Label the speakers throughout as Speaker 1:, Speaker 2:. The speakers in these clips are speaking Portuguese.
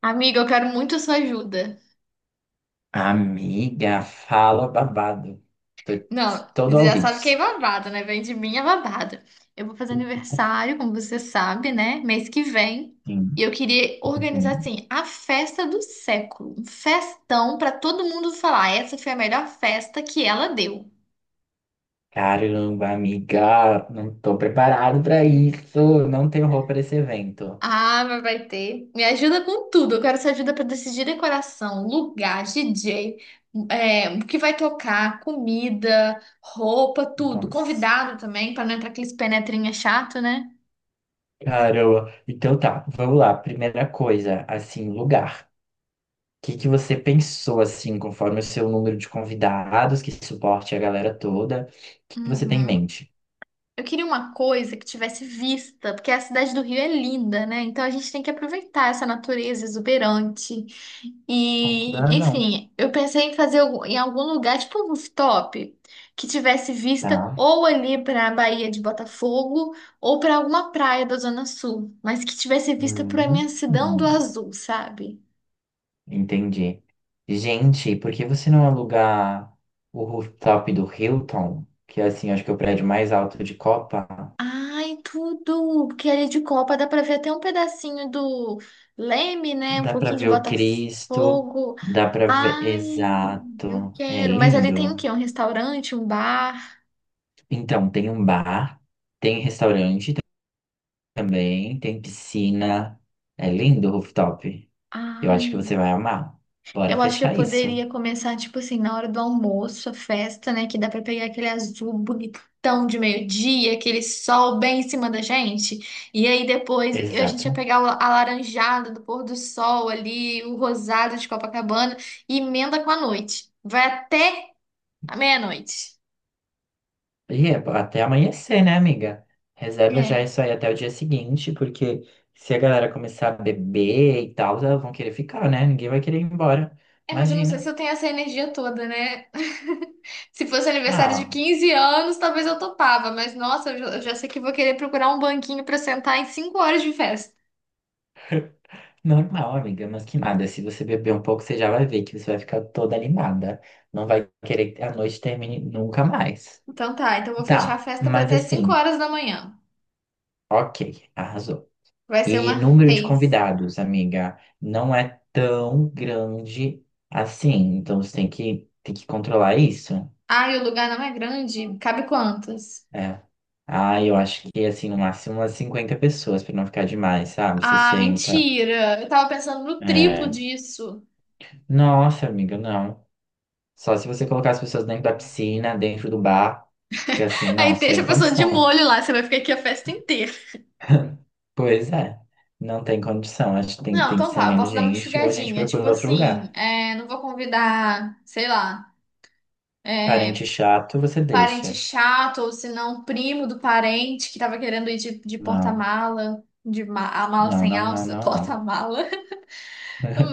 Speaker 1: Amiga, eu quero muito a sua ajuda.
Speaker 2: Amiga, fala babado. Tô
Speaker 1: Não,
Speaker 2: todo
Speaker 1: você já sabe que é
Speaker 2: ouvidos.
Speaker 1: babado, né? Vem de mim é babado. Eu vou fazer aniversário, como você sabe, né? Mês que vem.
Speaker 2: Sim.
Speaker 1: E eu queria organizar,
Speaker 2: Uhum.
Speaker 1: assim, a festa do século. Um festão pra todo mundo falar: "Ah, essa foi a melhor festa que ela deu."
Speaker 2: Caramba, amiga, não tô preparado pra isso. Não tenho roupa pra esse evento.
Speaker 1: Ah, mas vai ter. Me ajuda com tudo. Eu quero essa ajuda para decidir decoração, lugar, DJ, o que vai tocar, comida, roupa, tudo.
Speaker 2: Então,
Speaker 1: Convidado também, para não entrar aqueles penetrinha chato, né?
Speaker 2: caramba. Então tá, vamos lá. Primeira coisa, assim, lugar. O que que você pensou, assim, conforme o seu número de convidados, que suporte a galera toda? O que que você tem em
Speaker 1: Uhum.
Speaker 2: mente?
Speaker 1: Eu queria uma coisa que tivesse vista, porque a cidade do Rio é linda, né? Então a gente tem que aproveitar essa natureza exuberante.
Speaker 2: Com toda
Speaker 1: E,
Speaker 2: razão.
Speaker 1: enfim, eu pensei em fazer em algum lugar, tipo um rooftop, que tivesse vista
Speaker 2: Tá.
Speaker 1: ou ali para a Baía de Botafogo ou para alguma praia da Zona Sul, mas que tivesse vista para a imensidão do
Speaker 2: Uhum.
Speaker 1: azul, sabe?
Speaker 2: Entendi. Gente, por que você não alugar o rooftop do Hilton? Que é assim, acho que é o prédio mais alto de Copa.
Speaker 1: Ai, tudo! Porque ali de Copa dá para ver até um pedacinho do Leme, né? Um
Speaker 2: Dá pra
Speaker 1: pouquinho de
Speaker 2: ver o Cristo,
Speaker 1: Botafogo.
Speaker 2: dá pra ver.
Speaker 1: Ai, eu
Speaker 2: Exato. É
Speaker 1: quero! Mas ali tem o
Speaker 2: lindo.
Speaker 1: quê? Um restaurante, um bar?
Speaker 2: Então, tem um bar, tem restaurante também, tem piscina. É lindo o rooftop. Eu acho
Speaker 1: Ai.
Speaker 2: que você vai amar. Bora
Speaker 1: Eu acho que eu
Speaker 2: fechar isso.
Speaker 1: poderia começar, tipo assim, na hora do almoço, a festa, né? Que dá pra pegar aquele azul bonitão de meio-dia, aquele sol bem em cima da gente. E aí depois a gente ia
Speaker 2: Exato.
Speaker 1: pegar o alaranjado do pôr do sol ali, o rosado de Copacabana, e emenda com a noite. Vai até a meia-noite.
Speaker 2: E é até amanhecer, né, amiga? Reserva já
Speaker 1: É.
Speaker 2: isso aí até o dia seguinte, porque se a galera começar a beber e tal, elas vão querer ficar, né? Ninguém vai querer ir embora.
Speaker 1: É, mas eu não sei se
Speaker 2: Imagina.
Speaker 1: eu tenho essa energia toda, né? Se fosse aniversário de
Speaker 2: Ah,
Speaker 1: 15 anos, talvez eu topava, mas nossa, eu já sei que vou querer procurar um banquinho pra sentar em 5 horas de festa.
Speaker 2: normal, amiga, mas que nada. Se você beber um pouco, você já vai ver que você vai ficar toda animada. Não vai querer que a noite termine nunca mais.
Speaker 1: Então tá, então vou fechar a
Speaker 2: Tá,
Speaker 1: festa para
Speaker 2: mas
Speaker 1: até 5
Speaker 2: assim,
Speaker 1: horas da manhã.
Speaker 2: ok, arrasou.
Speaker 1: Vai ser
Speaker 2: E
Speaker 1: uma
Speaker 2: número de
Speaker 1: rave.
Speaker 2: convidados, amiga, não é tão grande assim. Então você tem que controlar isso.
Speaker 1: Ai, o lugar não é grande. Cabe quantas?
Speaker 2: É. Ah, eu acho que assim, no máximo umas 50 pessoas, pra não ficar demais, sabe?
Speaker 1: Ah,
Speaker 2: 60.
Speaker 1: mentira. Eu tava pensando no triplo
Speaker 2: É.
Speaker 1: disso.
Speaker 2: Nossa, amiga, não. Só se você colocar as pessoas dentro da piscina, dentro do bar, que assim, não,
Speaker 1: Aí deixa
Speaker 2: sem
Speaker 1: a pessoa de
Speaker 2: condição.
Speaker 1: molho lá, você vai ficar aqui a festa inteira.
Speaker 2: Pois é, não tem condição. Acho que tem,
Speaker 1: Não,
Speaker 2: tem que
Speaker 1: então
Speaker 2: ser
Speaker 1: tá, eu
Speaker 2: menos
Speaker 1: posso dar uma
Speaker 2: gente ou a gente
Speaker 1: enxugadinha.
Speaker 2: procura
Speaker 1: Tipo
Speaker 2: outro
Speaker 1: assim,
Speaker 2: lugar.
Speaker 1: não vou convidar, sei lá, é,
Speaker 2: Parente chato, você
Speaker 1: parente
Speaker 2: deixa.
Speaker 1: chato, ou se não, primo do parente que tava querendo ir de
Speaker 2: Não.
Speaker 1: porta-mala, de a mala
Speaker 2: Não,
Speaker 1: sem
Speaker 2: não, não,
Speaker 1: alça,
Speaker 2: não, não.
Speaker 1: porta-mala.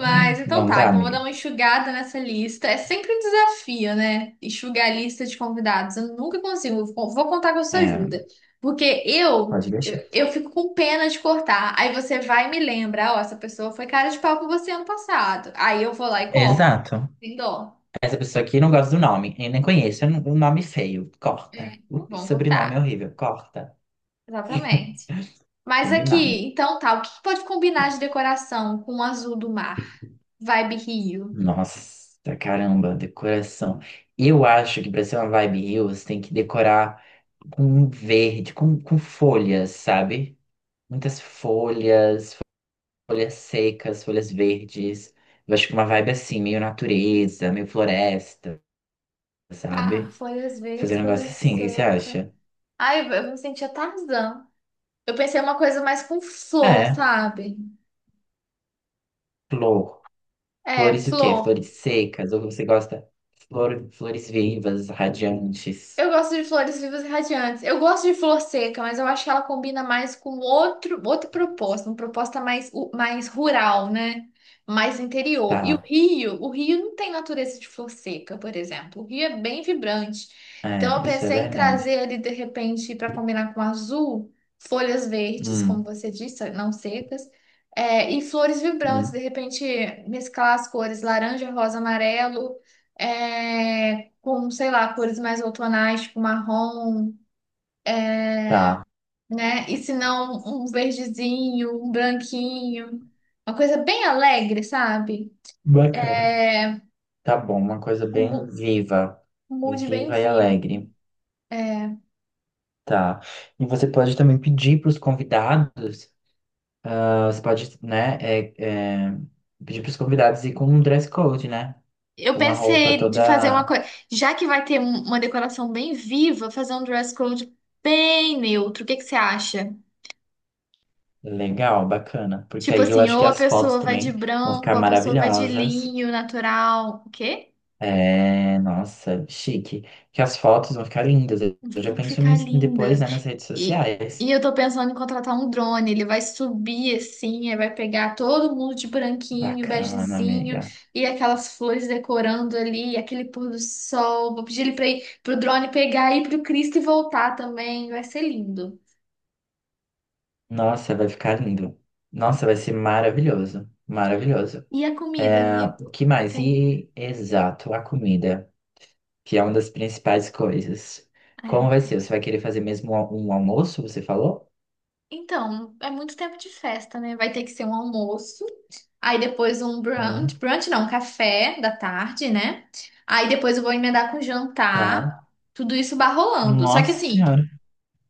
Speaker 1: Mas então
Speaker 2: Não
Speaker 1: tá,
Speaker 2: dá,
Speaker 1: então vou dar
Speaker 2: amiga.
Speaker 1: uma enxugada nessa lista. É sempre um desafio, né? Enxugar a lista de convidados. Eu nunca consigo. Vou contar com a sua
Speaker 2: É,
Speaker 1: ajuda. Porque eu,
Speaker 2: pode
Speaker 1: eu,
Speaker 2: deixar.
Speaker 1: eu fico com pena de cortar. Aí você vai e me lembra: ó, essa pessoa foi cara de pau com você ano passado. Aí eu vou lá e corto.
Speaker 2: Exato.
Speaker 1: Sem dó.
Speaker 2: Essa pessoa aqui não gosta do nome, eu nem conheço, é um nome feio. Corta.
Speaker 1: É.
Speaker 2: Ui,
Speaker 1: Vamos
Speaker 2: sobrenome
Speaker 1: cortar.
Speaker 2: horrível. Corta.
Speaker 1: Exatamente. Mas
Speaker 2: Combinado.
Speaker 1: aqui, então tá, o que que pode combinar de decoração com o azul do mar? Vibe Rio.
Speaker 2: Nossa, caramba, decoração. Eu acho que pra ser uma vibe Hills tem que decorar com verde, com folhas, sabe? Muitas folhas, folhas secas, folhas verdes. Eu acho que uma vibe assim, meio natureza, meio floresta,
Speaker 1: Tá,
Speaker 2: sabe?
Speaker 1: folhas
Speaker 2: Fazer
Speaker 1: verdes,
Speaker 2: um
Speaker 1: folha
Speaker 2: negócio assim, o que você
Speaker 1: seca.
Speaker 2: acha?
Speaker 1: Ai, eu me sentia Tarzan. Eu pensei uma coisa mais com
Speaker 2: Ah,
Speaker 1: flor,
Speaker 2: é,
Speaker 1: sabe?
Speaker 2: flor.
Speaker 1: É,
Speaker 2: Flores o quê?
Speaker 1: flor.
Speaker 2: Flores secas? Ou você gosta? Flor, flores vivas, radiantes.
Speaker 1: Eu gosto de flores vivas e radiantes. Eu gosto de flor seca, mas eu acho que ela combina mais com outro, outra proposta, uma proposta mais, mais rural, né? Mais interior. E
Speaker 2: Tá,
Speaker 1: O Rio não tem natureza de flor seca, por exemplo. O Rio é bem vibrante. Então
Speaker 2: é,
Speaker 1: eu
Speaker 2: isso é
Speaker 1: pensei em trazer
Speaker 2: verdade.
Speaker 1: ali, de repente, para combinar com azul, folhas verdes, como
Speaker 2: Hum,
Speaker 1: você disse, não secas, e flores vibrantes, de
Speaker 2: hum,
Speaker 1: repente, mesclar as cores laranja, rosa, amarelo. É, com, sei lá, cores mais outonais, tipo marrom,
Speaker 2: tá,
Speaker 1: né? E se não, um verdezinho, um branquinho. Uma coisa bem alegre, sabe?
Speaker 2: bacana.
Speaker 1: É
Speaker 2: Tá bom, uma coisa
Speaker 1: um
Speaker 2: bem
Speaker 1: mu-
Speaker 2: viva.
Speaker 1: um mood bem
Speaker 2: Viva e
Speaker 1: vivo.
Speaker 2: alegre.
Speaker 1: É,
Speaker 2: Tá. E você pode também pedir para os convidados, ah, você pode, né, pedir para os convidados ir com um dress code, né?
Speaker 1: eu
Speaker 2: Com uma roupa
Speaker 1: pensei de fazer uma
Speaker 2: toda.
Speaker 1: coisa, já que vai ter uma decoração bem viva, fazer um dress code bem neutro. O que que você acha?
Speaker 2: Legal, bacana. Porque
Speaker 1: Tipo
Speaker 2: aí eu
Speaker 1: assim,
Speaker 2: acho que
Speaker 1: ou a
Speaker 2: as fotos
Speaker 1: pessoa vai de
Speaker 2: também vão
Speaker 1: branco,
Speaker 2: ficar
Speaker 1: ou a pessoa vai de
Speaker 2: maravilhosas.
Speaker 1: linho natural. O quê?
Speaker 2: É, nossa, chique. Que as fotos vão ficar lindas. Eu já
Speaker 1: Vão
Speaker 2: penso no,
Speaker 1: ficar
Speaker 2: depois,
Speaker 1: lindas.
Speaker 2: né, nas redes
Speaker 1: E, e
Speaker 2: sociais.
Speaker 1: eu tô pensando em contratar um drone. Ele vai subir assim, aí vai pegar todo mundo de branquinho,
Speaker 2: Bacana,
Speaker 1: begezinho,
Speaker 2: amiga.
Speaker 1: e aquelas flores decorando ali, aquele pôr do sol. Vou pedir ele pra ir, pro drone pegar e ir pro Cristo e voltar também. Vai ser lindo.
Speaker 2: Nossa, vai ficar lindo. Nossa, vai ser maravilhoso. Maravilhoso.
Speaker 1: E a comida,
Speaker 2: É,
Speaker 1: amigo?
Speaker 2: que mais?
Speaker 1: Tem.
Speaker 2: E exato, a comida, que é uma das principais coisas. Como vai
Speaker 1: É.
Speaker 2: ser? Você vai querer fazer mesmo um almoço, você falou?
Speaker 1: Então, é muito tempo de festa, né? Vai ter que ser um almoço, aí depois um brunch,
Speaker 2: Hum,
Speaker 1: brunch não, um café da tarde, né? Aí depois eu vou emendar com
Speaker 2: tá.
Speaker 1: jantar, tudo isso barrolando. Só que
Speaker 2: Nossa
Speaker 1: assim,
Speaker 2: senhora.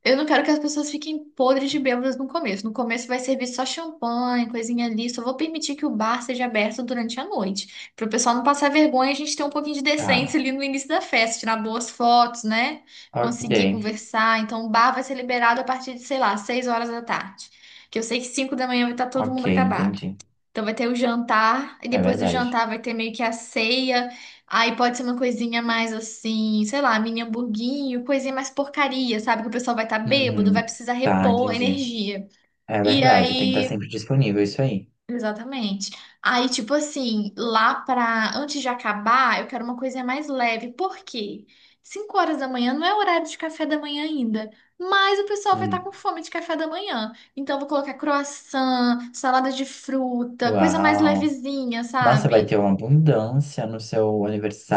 Speaker 1: eu não quero que as pessoas fiquem podres de bêbadas no começo. No começo vai servir só champanhe, coisinha ali. Só vou permitir que o bar seja aberto durante a noite. Para o pessoal não passar vergonha, a gente ter um pouquinho de decência
Speaker 2: Tá.
Speaker 1: ali no início da festa, tirar boas fotos, né?
Speaker 2: Ok,
Speaker 1: Conseguir conversar. Então, o bar vai ser liberado a partir de, sei lá, 18 horas da tarde. Que eu sei que 5 da manhã vai estar todo mundo
Speaker 2: ok,
Speaker 1: acabado.
Speaker 2: entendi.
Speaker 1: Então, vai ter o jantar, e
Speaker 2: É
Speaker 1: depois do
Speaker 2: verdade.
Speaker 1: jantar vai ter meio que a ceia. Aí pode ser uma coisinha mais assim, sei lá, mini hamburguinho, coisinha mais porcaria, sabe? Que o pessoal vai estar bêbado, vai
Speaker 2: Uhum.
Speaker 1: precisar
Speaker 2: Tá,
Speaker 1: repor a
Speaker 2: entendi.
Speaker 1: energia.
Speaker 2: É
Speaker 1: E
Speaker 2: verdade, tem que estar
Speaker 1: aí.
Speaker 2: sempre disponível isso aí.
Speaker 1: Exatamente. Aí, tipo assim, lá pra. Antes de acabar, eu quero uma coisinha mais leve. Por quê? 5 horas da manhã não é horário de café da manhã ainda. Mas o pessoal vai estar
Speaker 2: Hum.
Speaker 1: com fome de café da manhã. Então, eu vou colocar croissant, salada de fruta, coisa mais
Speaker 2: Uau!
Speaker 1: levezinha,
Speaker 2: Nossa, vai ter
Speaker 1: sabe?
Speaker 2: uma abundância no seu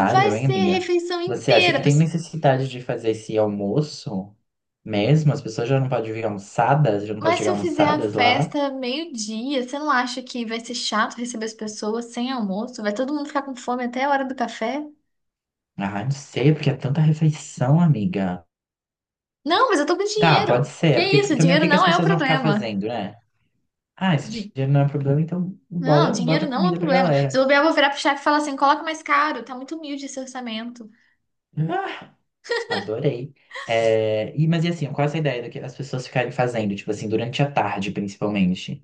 Speaker 1: Vai
Speaker 2: hein,
Speaker 1: ser
Speaker 2: amiga?
Speaker 1: refeição
Speaker 2: Você acha
Speaker 1: inteira.
Speaker 2: que tem necessidade de fazer esse almoço mesmo? As pessoas já não podem vir almoçadas, já não podem
Speaker 1: Mas se
Speaker 2: chegar
Speaker 1: eu fizer a
Speaker 2: almoçadas lá?
Speaker 1: festa meio-dia, você não acha que vai ser chato receber as pessoas sem almoço? Vai todo mundo ficar com fome até a hora do café?
Speaker 2: Ah, não sei, porque é tanta refeição, amiga.
Speaker 1: Não, mas eu tô com
Speaker 2: Tá,
Speaker 1: dinheiro.
Speaker 2: pode
Speaker 1: Que
Speaker 2: ser, porque
Speaker 1: isso?
Speaker 2: também o
Speaker 1: Dinheiro
Speaker 2: que que
Speaker 1: não
Speaker 2: as
Speaker 1: é o
Speaker 2: pessoas vão ficar
Speaker 1: problema.
Speaker 2: fazendo, né? Ah, esse
Speaker 1: Di-
Speaker 2: dinheiro não é um problema, então
Speaker 1: Não,
Speaker 2: bota, bota
Speaker 1: dinheiro não é o
Speaker 2: comida pra
Speaker 1: problema. Se eu
Speaker 2: galera.
Speaker 1: bobear, eu vou virar pro chefe e falar assim: coloca mais caro, tá muito humilde esse orçamento.
Speaker 2: Ah, adorei. É, e, mas e assim, qual é essa ideia do que as pessoas ficarem fazendo, tipo assim, durante a tarde, principalmente?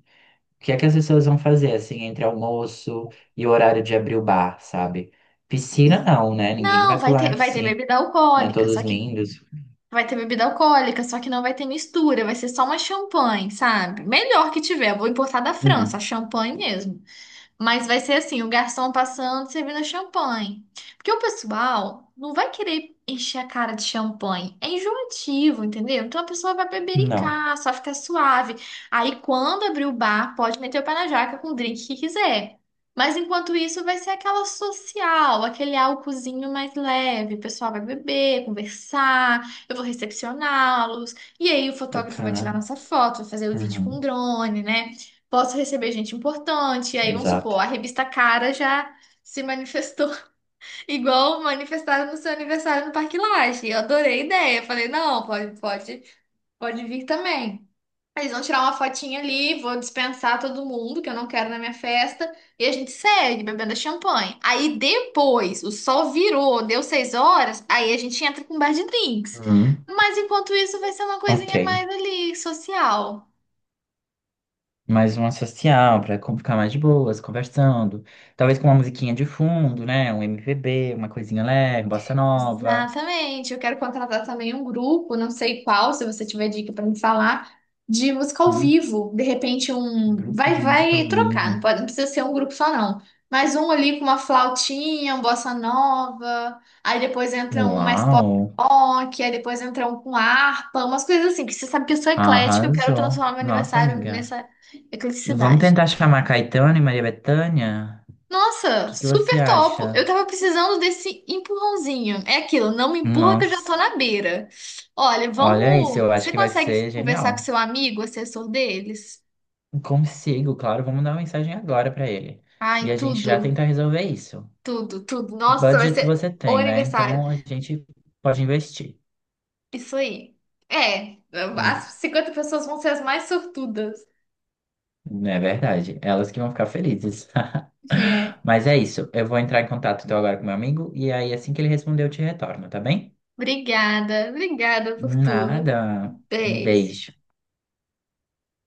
Speaker 2: O que é que as pessoas vão fazer, assim, entre almoço e o horário de abrir o bar, sabe? Piscina não, né? Ninguém
Speaker 1: Não,
Speaker 2: vai pular na
Speaker 1: vai ter
Speaker 2: piscina,
Speaker 1: bebida alcoólica,
Speaker 2: todos
Speaker 1: só que
Speaker 2: lindos.
Speaker 1: vai ter bebida alcoólica, só que não vai ter mistura, vai ser só uma champanhe, sabe? Melhor que tiver, eu vou importar da França,
Speaker 2: Hum,
Speaker 1: a champanhe mesmo. Mas vai ser assim, o garçom passando, servindo champanhe. Porque o pessoal não vai querer encher a cara de champanhe. É enjoativo, entendeu? Então a pessoa vai
Speaker 2: não,
Speaker 1: bebericar, só fica suave. Aí quando abrir o bar, pode meter o pé na jaca com o drink que quiser. Mas enquanto isso, vai ser aquela social, aquele álcoolzinho mais leve. O pessoal vai beber, conversar, eu vou recepcioná-los. E aí o fotógrafo vai tirar
Speaker 2: bacana.
Speaker 1: nossa foto, vai fazer o vídeo com
Speaker 2: Uhum,
Speaker 1: drone, né? Posso receber gente importante. E aí, vamos
Speaker 2: exato.
Speaker 1: supor, a revista Cara já se manifestou, igual manifestaram no seu aniversário no Parque Lage. Eu adorei a ideia. Eu falei: não, pode, pode, pode vir também. Eles vão tirar uma fotinha ali, vou dispensar todo mundo que eu não quero na minha festa. E a gente segue bebendo champanhe. Aí depois, o sol virou, deu 6 horas, aí a gente entra com um bar de drinks.
Speaker 2: Hum,
Speaker 1: Mas enquanto isso, vai ser uma coisinha
Speaker 2: ok.
Speaker 1: mais ali, social.
Speaker 2: Mais uma social, pra ficar mais de boas, conversando. Talvez com uma musiquinha de fundo, né? Um MPB, uma coisinha leve, bossa nova.
Speaker 1: Exatamente. Eu quero contratar também um grupo, não sei qual, se você tiver dica para me falar, de música ao
Speaker 2: Hum,
Speaker 1: vivo. De repente um
Speaker 2: grupo
Speaker 1: vai
Speaker 2: de música ao
Speaker 1: vai trocar, não
Speaker 2: vivo.
Speaker 1: pode, não precisa ser um grupo só não. Mas um ali com uma flautinha, um bossa nova, aí depois entra um mais pop
Speaker 2: Uau!
Speaker 1: rock, aí depois entra um com harpa, umas coisas assim, que você sabe que eu sou eclética, eu quero
Speaker 2: Arrasou.
Speaker 1: transformar meu
Speaker 2: Nossa,
Speaker 1: aniversário
Speaker 2: amiga.
Speaker 1: nessa
Speaker 2: Vamos
Speaker 1: ecleticidade.
Speaker 2: tentar chamar Caetano e Maria Bethânia? O
Speaker 1: Nossa,
Speaker 2: que que você
Speaker 1: super topo. Eu
Speaker 2: acha?
Speaker 1: tava precisando desse empurrãozinho. É aquilo, não me empurra que eu já tô
Speaker 2: Nossa,
Speaker 1: na beira. Olha,
Speaker 2: olha isso,
Speaker 1: vamos.
Speaker 2: eu acho
Speaker 1: Você
Speaker 2: que vai
Speaker 1: consegue
Speaker 2: ser
Speaker 1: conversar com
Speaker 2: genial.
Speaker 1: seu amigo, assessor deles?
Speaker 2: Consigo, claro, vou mandar uma mensagem agora pra ele. E
Speaker 1: Ai,
Speaker 2: a gente já
Speaker 1: tudo,
Speaker 2: tentar resolver isso.
Speaker 1: tudo, tudo. Nossa, vai
Speaker 2: Budget
Speaker 1: ser
Speaker 2: você
Speaker 1: o
Speaker 2: tem, né?
Speaker 1: aniversário.
Speaker 2: Então a gente pode investir.
Speaker 1: Isso aí. É, as
Speaker 2: Hum.
Speaker 1: 50 pessoas vão ser as mais sortudas.
Speaker 2: Não é verdade. Elas que vão ficar felizes.
Speaker 1: É.
Speaker 2: Mas é isso. Eu vou entrar em contato então agora com meu amigo e aí assim que ele responder eu te retorno, tá bem?
Speaker 1: Obrigada, obrigada por tudo.
Speaker 2: Nada. Um
Speaker 1: Beijo.
Speaker 2: beijo.